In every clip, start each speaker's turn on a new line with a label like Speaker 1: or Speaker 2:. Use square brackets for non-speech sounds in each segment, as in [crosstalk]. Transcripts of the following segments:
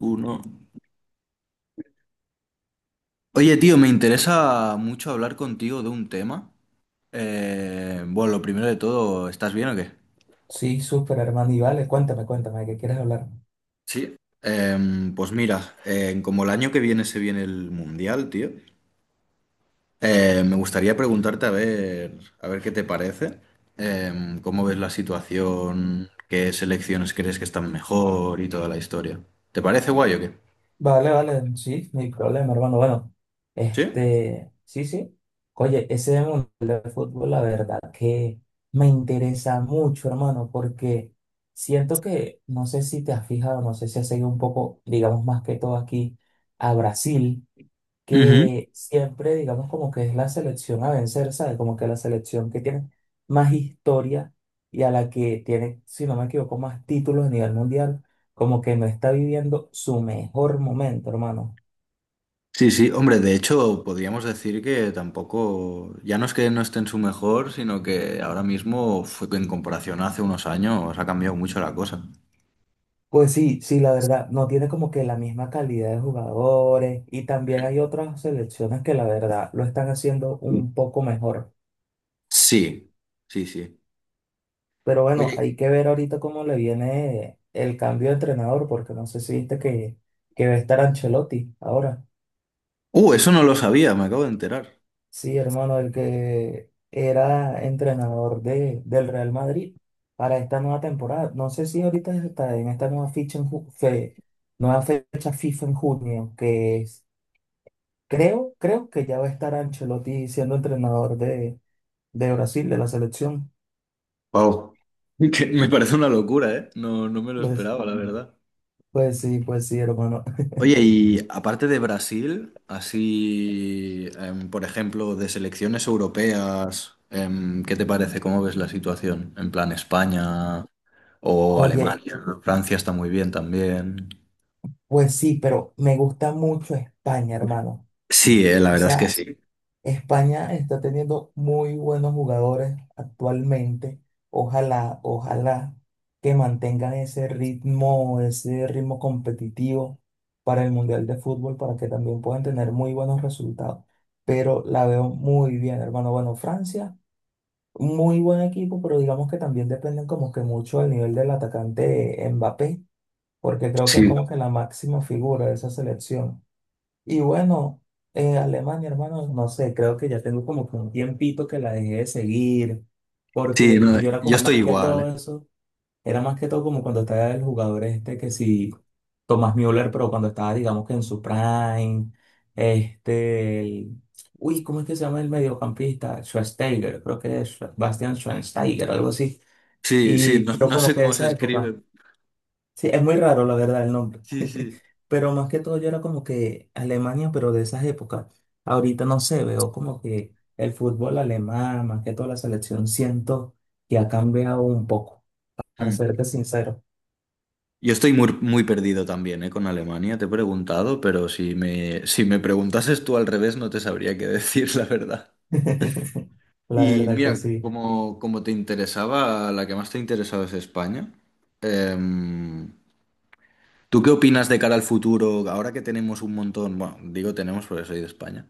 Speaker 1: Uno. Oye, tío, me interesa mucho hablar contigo de un tema. Bueno, lo primero de todo, ¿estás bien o qué?
Speaker 2: Sí, súper, hermano. Y vale, cuéntame, cuéntame, ¿de ¿qué quieres hablar?
Speaker 1: Sí. Pues mira, como el año que viene se viene el Mundial, tío, me gustaría preguntarte a ver qué te parece. ¿Cómo ves la situación? ¿Qué selecciones crees que están mejor y toda la historia? ¿Te parece guay o qué?
Speaker 2: Vale, vale, sí, no hay problema, hermano. Bueno,
Speaker 1: ¿Sí?
Speaker 2: sí, sí. Oye, ese mundo del fútbol, la verdad que me interesa mucho, hermano, porque siento que, no sé si te has fijado, no sé si has seguido un poco, digamos más que todo aquí, a Brasil, que siempre, digamos, como que es la selección a vencer, ¿sabes? Como que la selección que tiene más historia y a la que tiene, si no me equivoco, más títulos a nivel mundial, como que no está viviendo su mejor momento, hermano.
Speaker 1: Sí, sí, hombre, de hecho podríamos decir que tampoco, ya no es que no esté en su mejor, sino que ahora mismo fue que en comparación a hace unos años ha cambiado mucho la cosa.
Speaker 2: Pues sí, sí, la verdad, no tiene como que la misma calidad de jugadores y también hay otras selecciones que la verdad lo están haciendo un poco mejor.
Speaker 1: Sí, sí, sí.
Speaker 2: Pero bueno,
Speaker 1: Oye,
Speaker 2: hay que ver ahorita cómo le viene el cambio de entrenador, porque no sé si viste que va a estar Ancelotti ahora.
Speaker 1: eso no lo sabía, me acabo de enterar.
Speaker 2: Sí, hermano, el que era entrenador de, del Real Madrid para esta nueva temporada. No sé si ahorita está en esta nueva ficha en nueva fecha FIFA en junio, que es, creo que ya va a estar Ancelotti siendo entrenador de Brasil, de la selección.
Speaker 1: Wow. [laughs] Que me parece una locura, ¿eh? No, no me lo
Speaker 2: Pues,
Speaker 1: esperaba, la verdad.
Speaker 2: pues sí, hermano.
Speaker 1: Oye, y aparte de Brasil, así, por ejemplo, de selecciones europeas, ¿qué te parece? ¿Cómo ves la situación? En plan España. O
Speaker 2: Oye,
Speaker 1: Alemania, ¿no? Francia está muy bien también.
Speaker 2: pues sí, pero me gusta mucho España, hermano.
Speaker 1: Sí, la
Speaker 2: O
Speaker 1: verdad es que
Speaker 2: sea,
Speaker 1: sí.
Speaker 2: España está teniendo muy buenos jugadores actualmente. Ojalá, ojalá que mantengan ese ritmo competitivo para el Mundial de Fútbol, para que también puedan tener muy buenos resultados. Pero la veo muy bien, hermano. Bueno, Francia, muy buen equipo, pero digamos que también dependen como que mucho del nivel del atacante Mbappé, porque creo que es
Speaker 1: Sí,
Speaker 2: como que la máxima figura de esa selección. Y bueno, Alemania, hermano, no sé, creo que ya tengo como que un tiempito que la dejé de seguir,
Speaker 1: sí,
Speaker 2: porque
Speaker 1: no,
Speaker 2: yo era
Speaker 1: yo
Speaker 2: como
Speaker 1: estoy
Speaker 2: más que
Speaker 1: igual.
Speaker 2: todo eso, era más que todo como cuando estaba el jugador este que sí, Tomás Müller, pero cuando estaba, digamos que en su prime, este, el- uy, ¿cómo es que se llama el mediocampista? Schweinsteiger, creo que es Bastian Schweinsteiger, algo así.
Speaker 1: Sí, sí,
Speaker 2: Y,
Speaker 1: no,
Speaker 2: pero
Speaker 1: no
Speaker 2: como
Speaker 1: sé
Speaker 2: que de
Speaker 1: cómo se
Speaker 2: esa época,
Speaker 1: escribe.
Speaker 2: sí, es muy raro la verdad el nombre.
Speaker 1: Sí, sí.
Speaker 2: Pero más que todo yo era como que Alemania, pero de esas épocas. Ahorita no sé, veo como que el fútbol alemán, más que toda la selección, siento que ha cambiado un poco, para
Speaker 1: Hmm.
Speaker 2: serte sincero.
Speaker 1: Yo estoy muy, muy perdido también, con Alemania, te he preguntado, pero si me preguntases tú al revés no te sabría qué [laughs] decir, la verdad.
Speaker 2: [laughs] La
Speaker 1: Y
Speaker 2: verdad que
Speaker 1: mira,
Speaker 2: sí.
Speaker 1: como te interesaba, la que más te interesaba es España. em, ¿Tú qué opinas de cara al futuro? Ahora que tenemos un montón, bueno, digo tenemos porque soy de España.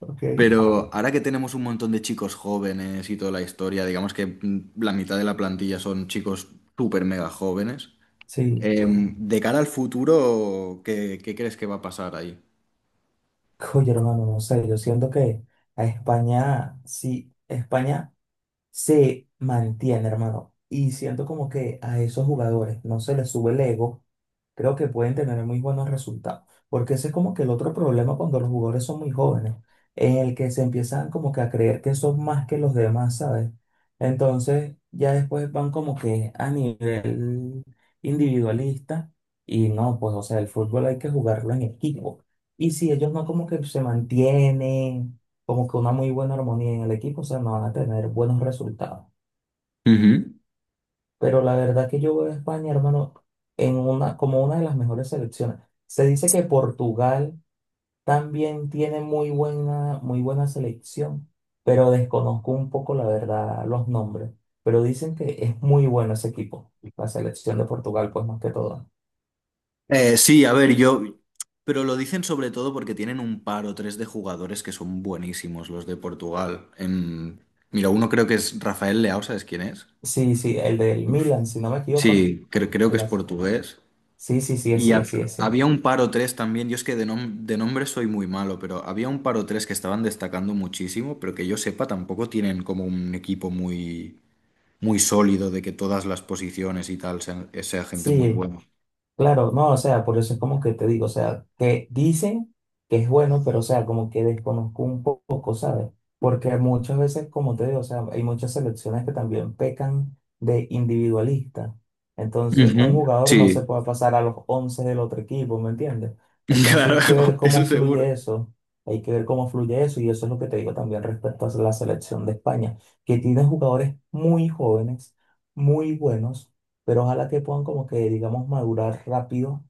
Speaker 2: Ok.
Speaker 1: Pero ahora que tenemos un montón de chicos jóvenes y toda la historia, digamos que la mitad de la plantilla son chicos súper mega jóvenes,
Speaker 2: Sí,
Speaker 1: de cara al futuro, ¿qué crees que va a pasar ahí?
Speaker 2: oye hermano, no sé, yo siento que España se mantiene, hermano. Y siento como que a esos jugadores no se les sube el ego, creo que pueden tener muy buenos resultados. Porque ese es como que el otro problema cuando los jugadores son muy jóvenes, en el que se empiezan como que a creer que son más que los demás, ¿sabes? Entonces ya después van como que a nivel individualista y no, pues o sea, el fútbol hay que jugarlo en equipo. Y si ellos no como que se mantienen como que una muy buena armonía en el equipo, o sea, no van a tener buenos resultados.
Speaker 1: Ujú.
Speaker 2: Pero la verdad que yo veo a España, hermano, en una, como una de las mejores selecciones. Se dice que Portugal también tiene muy buena selección, pero desconozco un poco, la verdad, los nombres. Pero dicen que es muy bueno ese equipo, la selección de Portugal, pues más que todo.
Speaker 1: Sí, a ver, yo... Pero lo dicen sobre todo porque tienen un par o tres de jugadores que son buenísimos, los de Portugal. Mira, uno creo que es Rafael Leao, ¿sabes quién es?
Speaker 2: Sí, sí, el del Milan, si no me equivoco, ¿no?
Speaker 1: Sí, creo que
Speaker 2: El
Speaker 1: es
Speaker 2: az-
Speaker 1: portugués.
Speaker 2: Sí, sí, sí,
Speaker 1: Y
Speaker 2: sí, sí, sí.
Speaker 1: había un par o tres también, yo es que de nombre soy muy malo, pero había un par o tres que estaban destacando muchísimo, pero que yo sepa tampoco tienen como un equipo muy, muy sólido de que todas las posiciones y tal sean, sea gente muy
Speaker 2: Sí,
Speaker 1: buena.
Speaker 2: claro, no, o sea, por eso es como que te digo, o sea, que dicen que es bueno, pero o sea, como que desconozco un poco, ¿sabes? Porque muchas veces, como te digo, o sea, hay muchas selecciones que también pecan de individualista. Entonces, un
Speaker 1: Ujú,
Speaker 2: jugador no se
Speaker 1: sí,
Speaker 2: puede pasar a los 11 del otro equipo, ¿me entiendes?
Speaker 1: [laughs]
Speaker 2: Entonces
Speaker 1: claro,
Speaker 2: hay que ver
Speaker 1: eso
Speaker 2: cómo fluye
Speaker 1: seguro.
Speaker 2: eso, hay que ver cómo fluye eso, y eso es lo que te digo también respecto a la selección de España, que tiene jugadores muy jóvenes, muy buenos pero ojalá que puedan como que, digamos, madurar rápido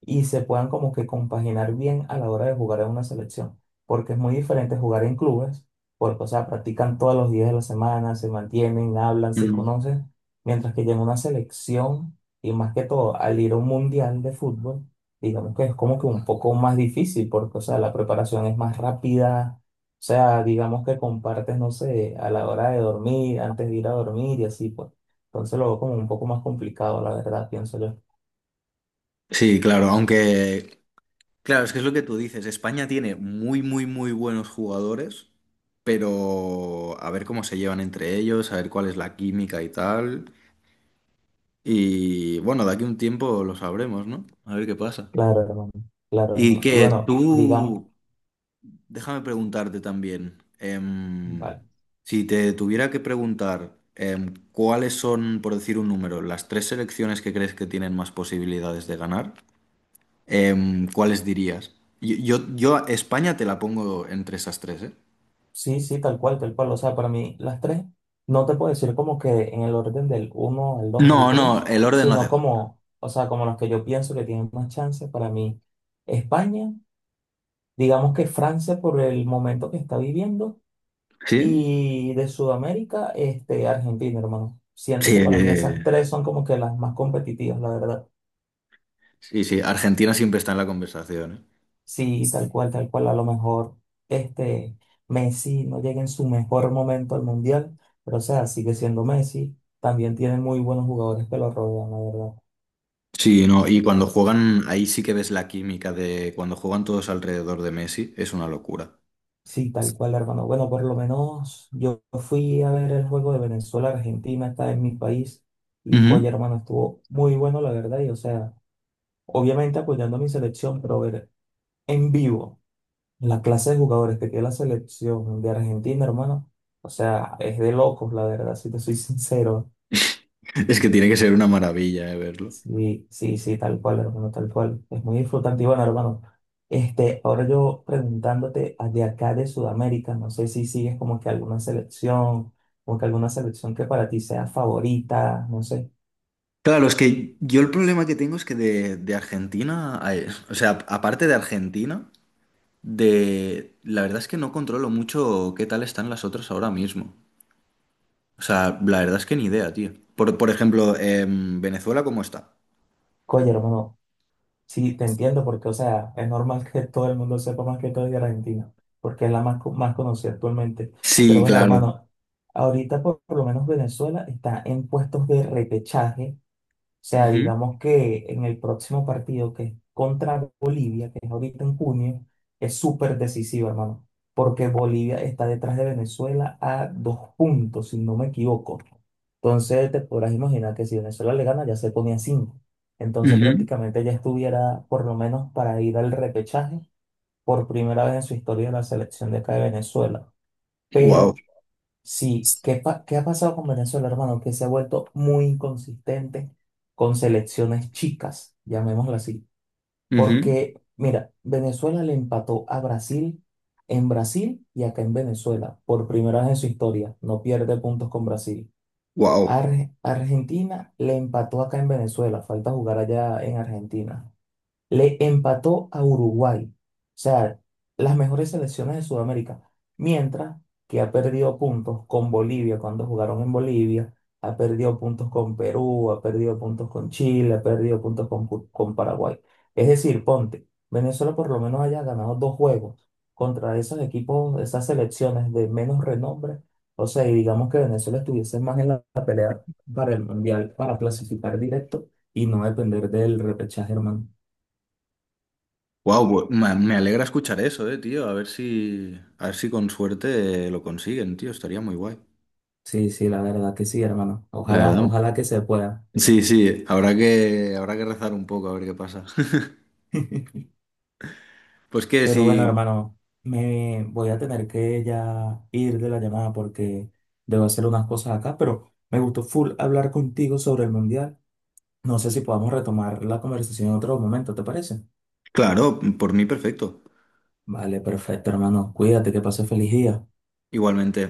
Speaker 2: y se puedan como que compaginar bien a la hora de jugar en una selección, porque es muy diferente jugar en clubes, porque, o sea, practican todos los días de la semana, se mantienen, hablan, se
Speaker 1: Mm.
Speaker 2: conocen, mientras que ya en una selección, y más que todo, al ir a un mundial de fútbol, digamos que es como que un poco más difícil, porque, o sea, la preparación es más rápida. O sea, digamos que compartes, no sé, a la hora de dormir, antes de ir a dormir y así, pues. Entonces lo veo como un poco más complicado, la verdad, pienso yo.
Speaker 1: Sí, claro, aunque, claro, es que es lo que tú dices, España tiene muy, muy, muy buenos jugadores, pero a ver cómo se llevan entre ellos, a ver cuál es la química y tal. Y bueno, de aquí a un tiempo lo sabremos, ¿no? A ver qué pasa.
Speaker 2: Claro, hermano, claro,
Speaker 1: Y
Speaker 2: hermano. Y
Speaker 1: que
Speaker 2: bueno, digamos,
Speaker 1: tú, déjame preguntarte también,
Speaker 2: vale,
Speaker 1: si te tuviera que preguntar cuáles son, por decir un número, las tres selecciones que crees que tienen más posibilidades de ganar, ¿cuáles dirías? Yo a España te la pongo entre esas tres, ¿eh?
Speaker 2: sí, sí, tal cual, tal cual. O sea, para mí las tres, no te puedo decir como que en el orden del uno al 2 al
Speaker 1: No, no,
Speaker 2: 3,
Speaker 1: el orden no hace
Speaker 2: sino
Speaker 1: falta.
Speaker 2: como, o sea, como los que yo pienso que tienen más chance para mí. España, digamos que Francia por el momento que está viviendo,
Speaker 1: ¿Sí?
Speaker 2: y de Sudamérica, este, Argentina, hermano. Siento
Speaker 1: Sí,
Speaker 2: que para mí esas tres son como que las más competitivas, la verdad.
Speaker 1: sí, sí, Argentina siempre está en la conversación, ¿eh?
Speaker 2: Sí, tal cual, tal cual. A lo mejor este Messi no llega en su mejor momento al Mundial, pero o sea, sigue siendo Messi. También tiene muy buenos jugadores que lo rodean, la verdad.
Speaker 1: Sí, no, y cuando juegan, ahí sí que ves la química de cuando juegan todos alrededor de Messi, es una locura.
Speaker 2: Sí, tal cual, hermano. Bueno, por lo menos yo fui a ver el juego de Venezuela-Argentina, está en mi país, y
Speaker 1: Ujú.
Speaker 2: coye, hermano, estuvo muy bueno, la verdad. Y o sea, obviamente apoyando a mi selección, pero ver en vivo la clase de jugadores que tiene la selección de Argentina, hermano. O sea, es de locos, la verdad, si te soy [laughs] sincero.
Speaker 1: Es que tiene que ser una maravilla, verlo.
Speaker 2: Sí, sí, sí, tal cual, hermano, tal cual. Es muy disfrutante. Y bueno, hermano, este, ahora yo preguntándote de acá de Sudamérica, no sé si sigues como que alguna selección, como que alguna selección que para ti sea favorita, no sé.
Speaker 1: Claro, es que yo el problema que tengo es que de Argentina, ay, o sea, aparte de Argentina, de la verdad es que no controlo mucho qué tal están las otras ahora mismo. O sea, la verdad es que ni idea, tío. Por ejemplo, Venezuela, ¿cómo está?
Speaker 2: Oye, hermano, sí, te entiendo porque, o sea, es normal que todo el mundo sepa más que todo de Argentina, porque es la más, más conocida actualmente. Pero
Speaker 1: Sí,
Speaker 2: bueno,
Speaker 1: claro.
Speaker 2: hermano, ahorita por lo menos Venezuela está en puestos de repechaje, sea, digamos que en el próximo partido, que es contra Bolivia, que es ahorita en junio, es súper decisivo, hermano, porque Bolivia está detrás de Venezuela a 2 puntos, si no me equivoco. Entonces, te podrás imaginar que si Venezuela le gana, ya se ponía cinco. Entonces, prácticamente ya estuviera, por lo menos, para ir al repechaje por primera vez en su historia de la selección de acá de Venezuela.
Speaker 1: Wow.
Speaker 2: Pero sí, ¿qué ha pasado con Venezuela, hermano? Que se ha vuelto muy inconsistente con selecciones chicas, llamémoslo así. Porque, mira, Venezuela le empató a Brasil en Brasil y acá en Venezuela, por primera vez en su historia. No pierde puntos con Brasil.
Speaker 1: Wow.
Speaker 2: Argentina le empató acá en Venezuela, falta jugar allá en Argentina. Le empató a Uruguay. O sea, las mejores selecciones de Sudamérica. Mientras que ha perdido puntos con Bolivia cuando jugaron en Bolivia. Ha perdido puntos con Perú, ha perdido puntos con Chile, ha perdido puntos con Paraguay. Es decir, ponte, Venezuela por lo menos haya ganado dos juegos contra esos equipos, esas selecciones de menos renombre. O sea, y digamos que Venezuela estuviese más en la pelea para el Mundial, para clasificar directo y no depender del repechaje, hermano.
Speaker 1: Wow, me alegra escuchar eso, tío. A ver si con suerte lo consiguen, tío. Estaría muy guay.
Speaker 2: Sí, sí, la verdad que sí, hermano.
Speaker 1: La
Speaker 2: Ojalá,
Speaker 1: verdad.
Speaker 2: ojalá que se pueda.
Speaker 1: Sí, sí, habrá que rezar un poco a ver qué pasa. [laughs]
Speaker 2: [laughs]
Speaker 1: Pues que
Speaker 2: Pero bueno,
Speaker 1: sí,
Speaker 2: hermano, me voy a tener que ya ir de la llamada porque debo hacer unas cosas acá, pero me gustó full hablar contigo sobre el mundial. No sé si podamos retomar la conversación en otro momento, ¿te parece?
Speaker 1: claro, por mí perfecto.
Speaker 2: Vale, perfecto, hermano. Cuídate, que pases feliz día.
Speaker 1: Igualmente.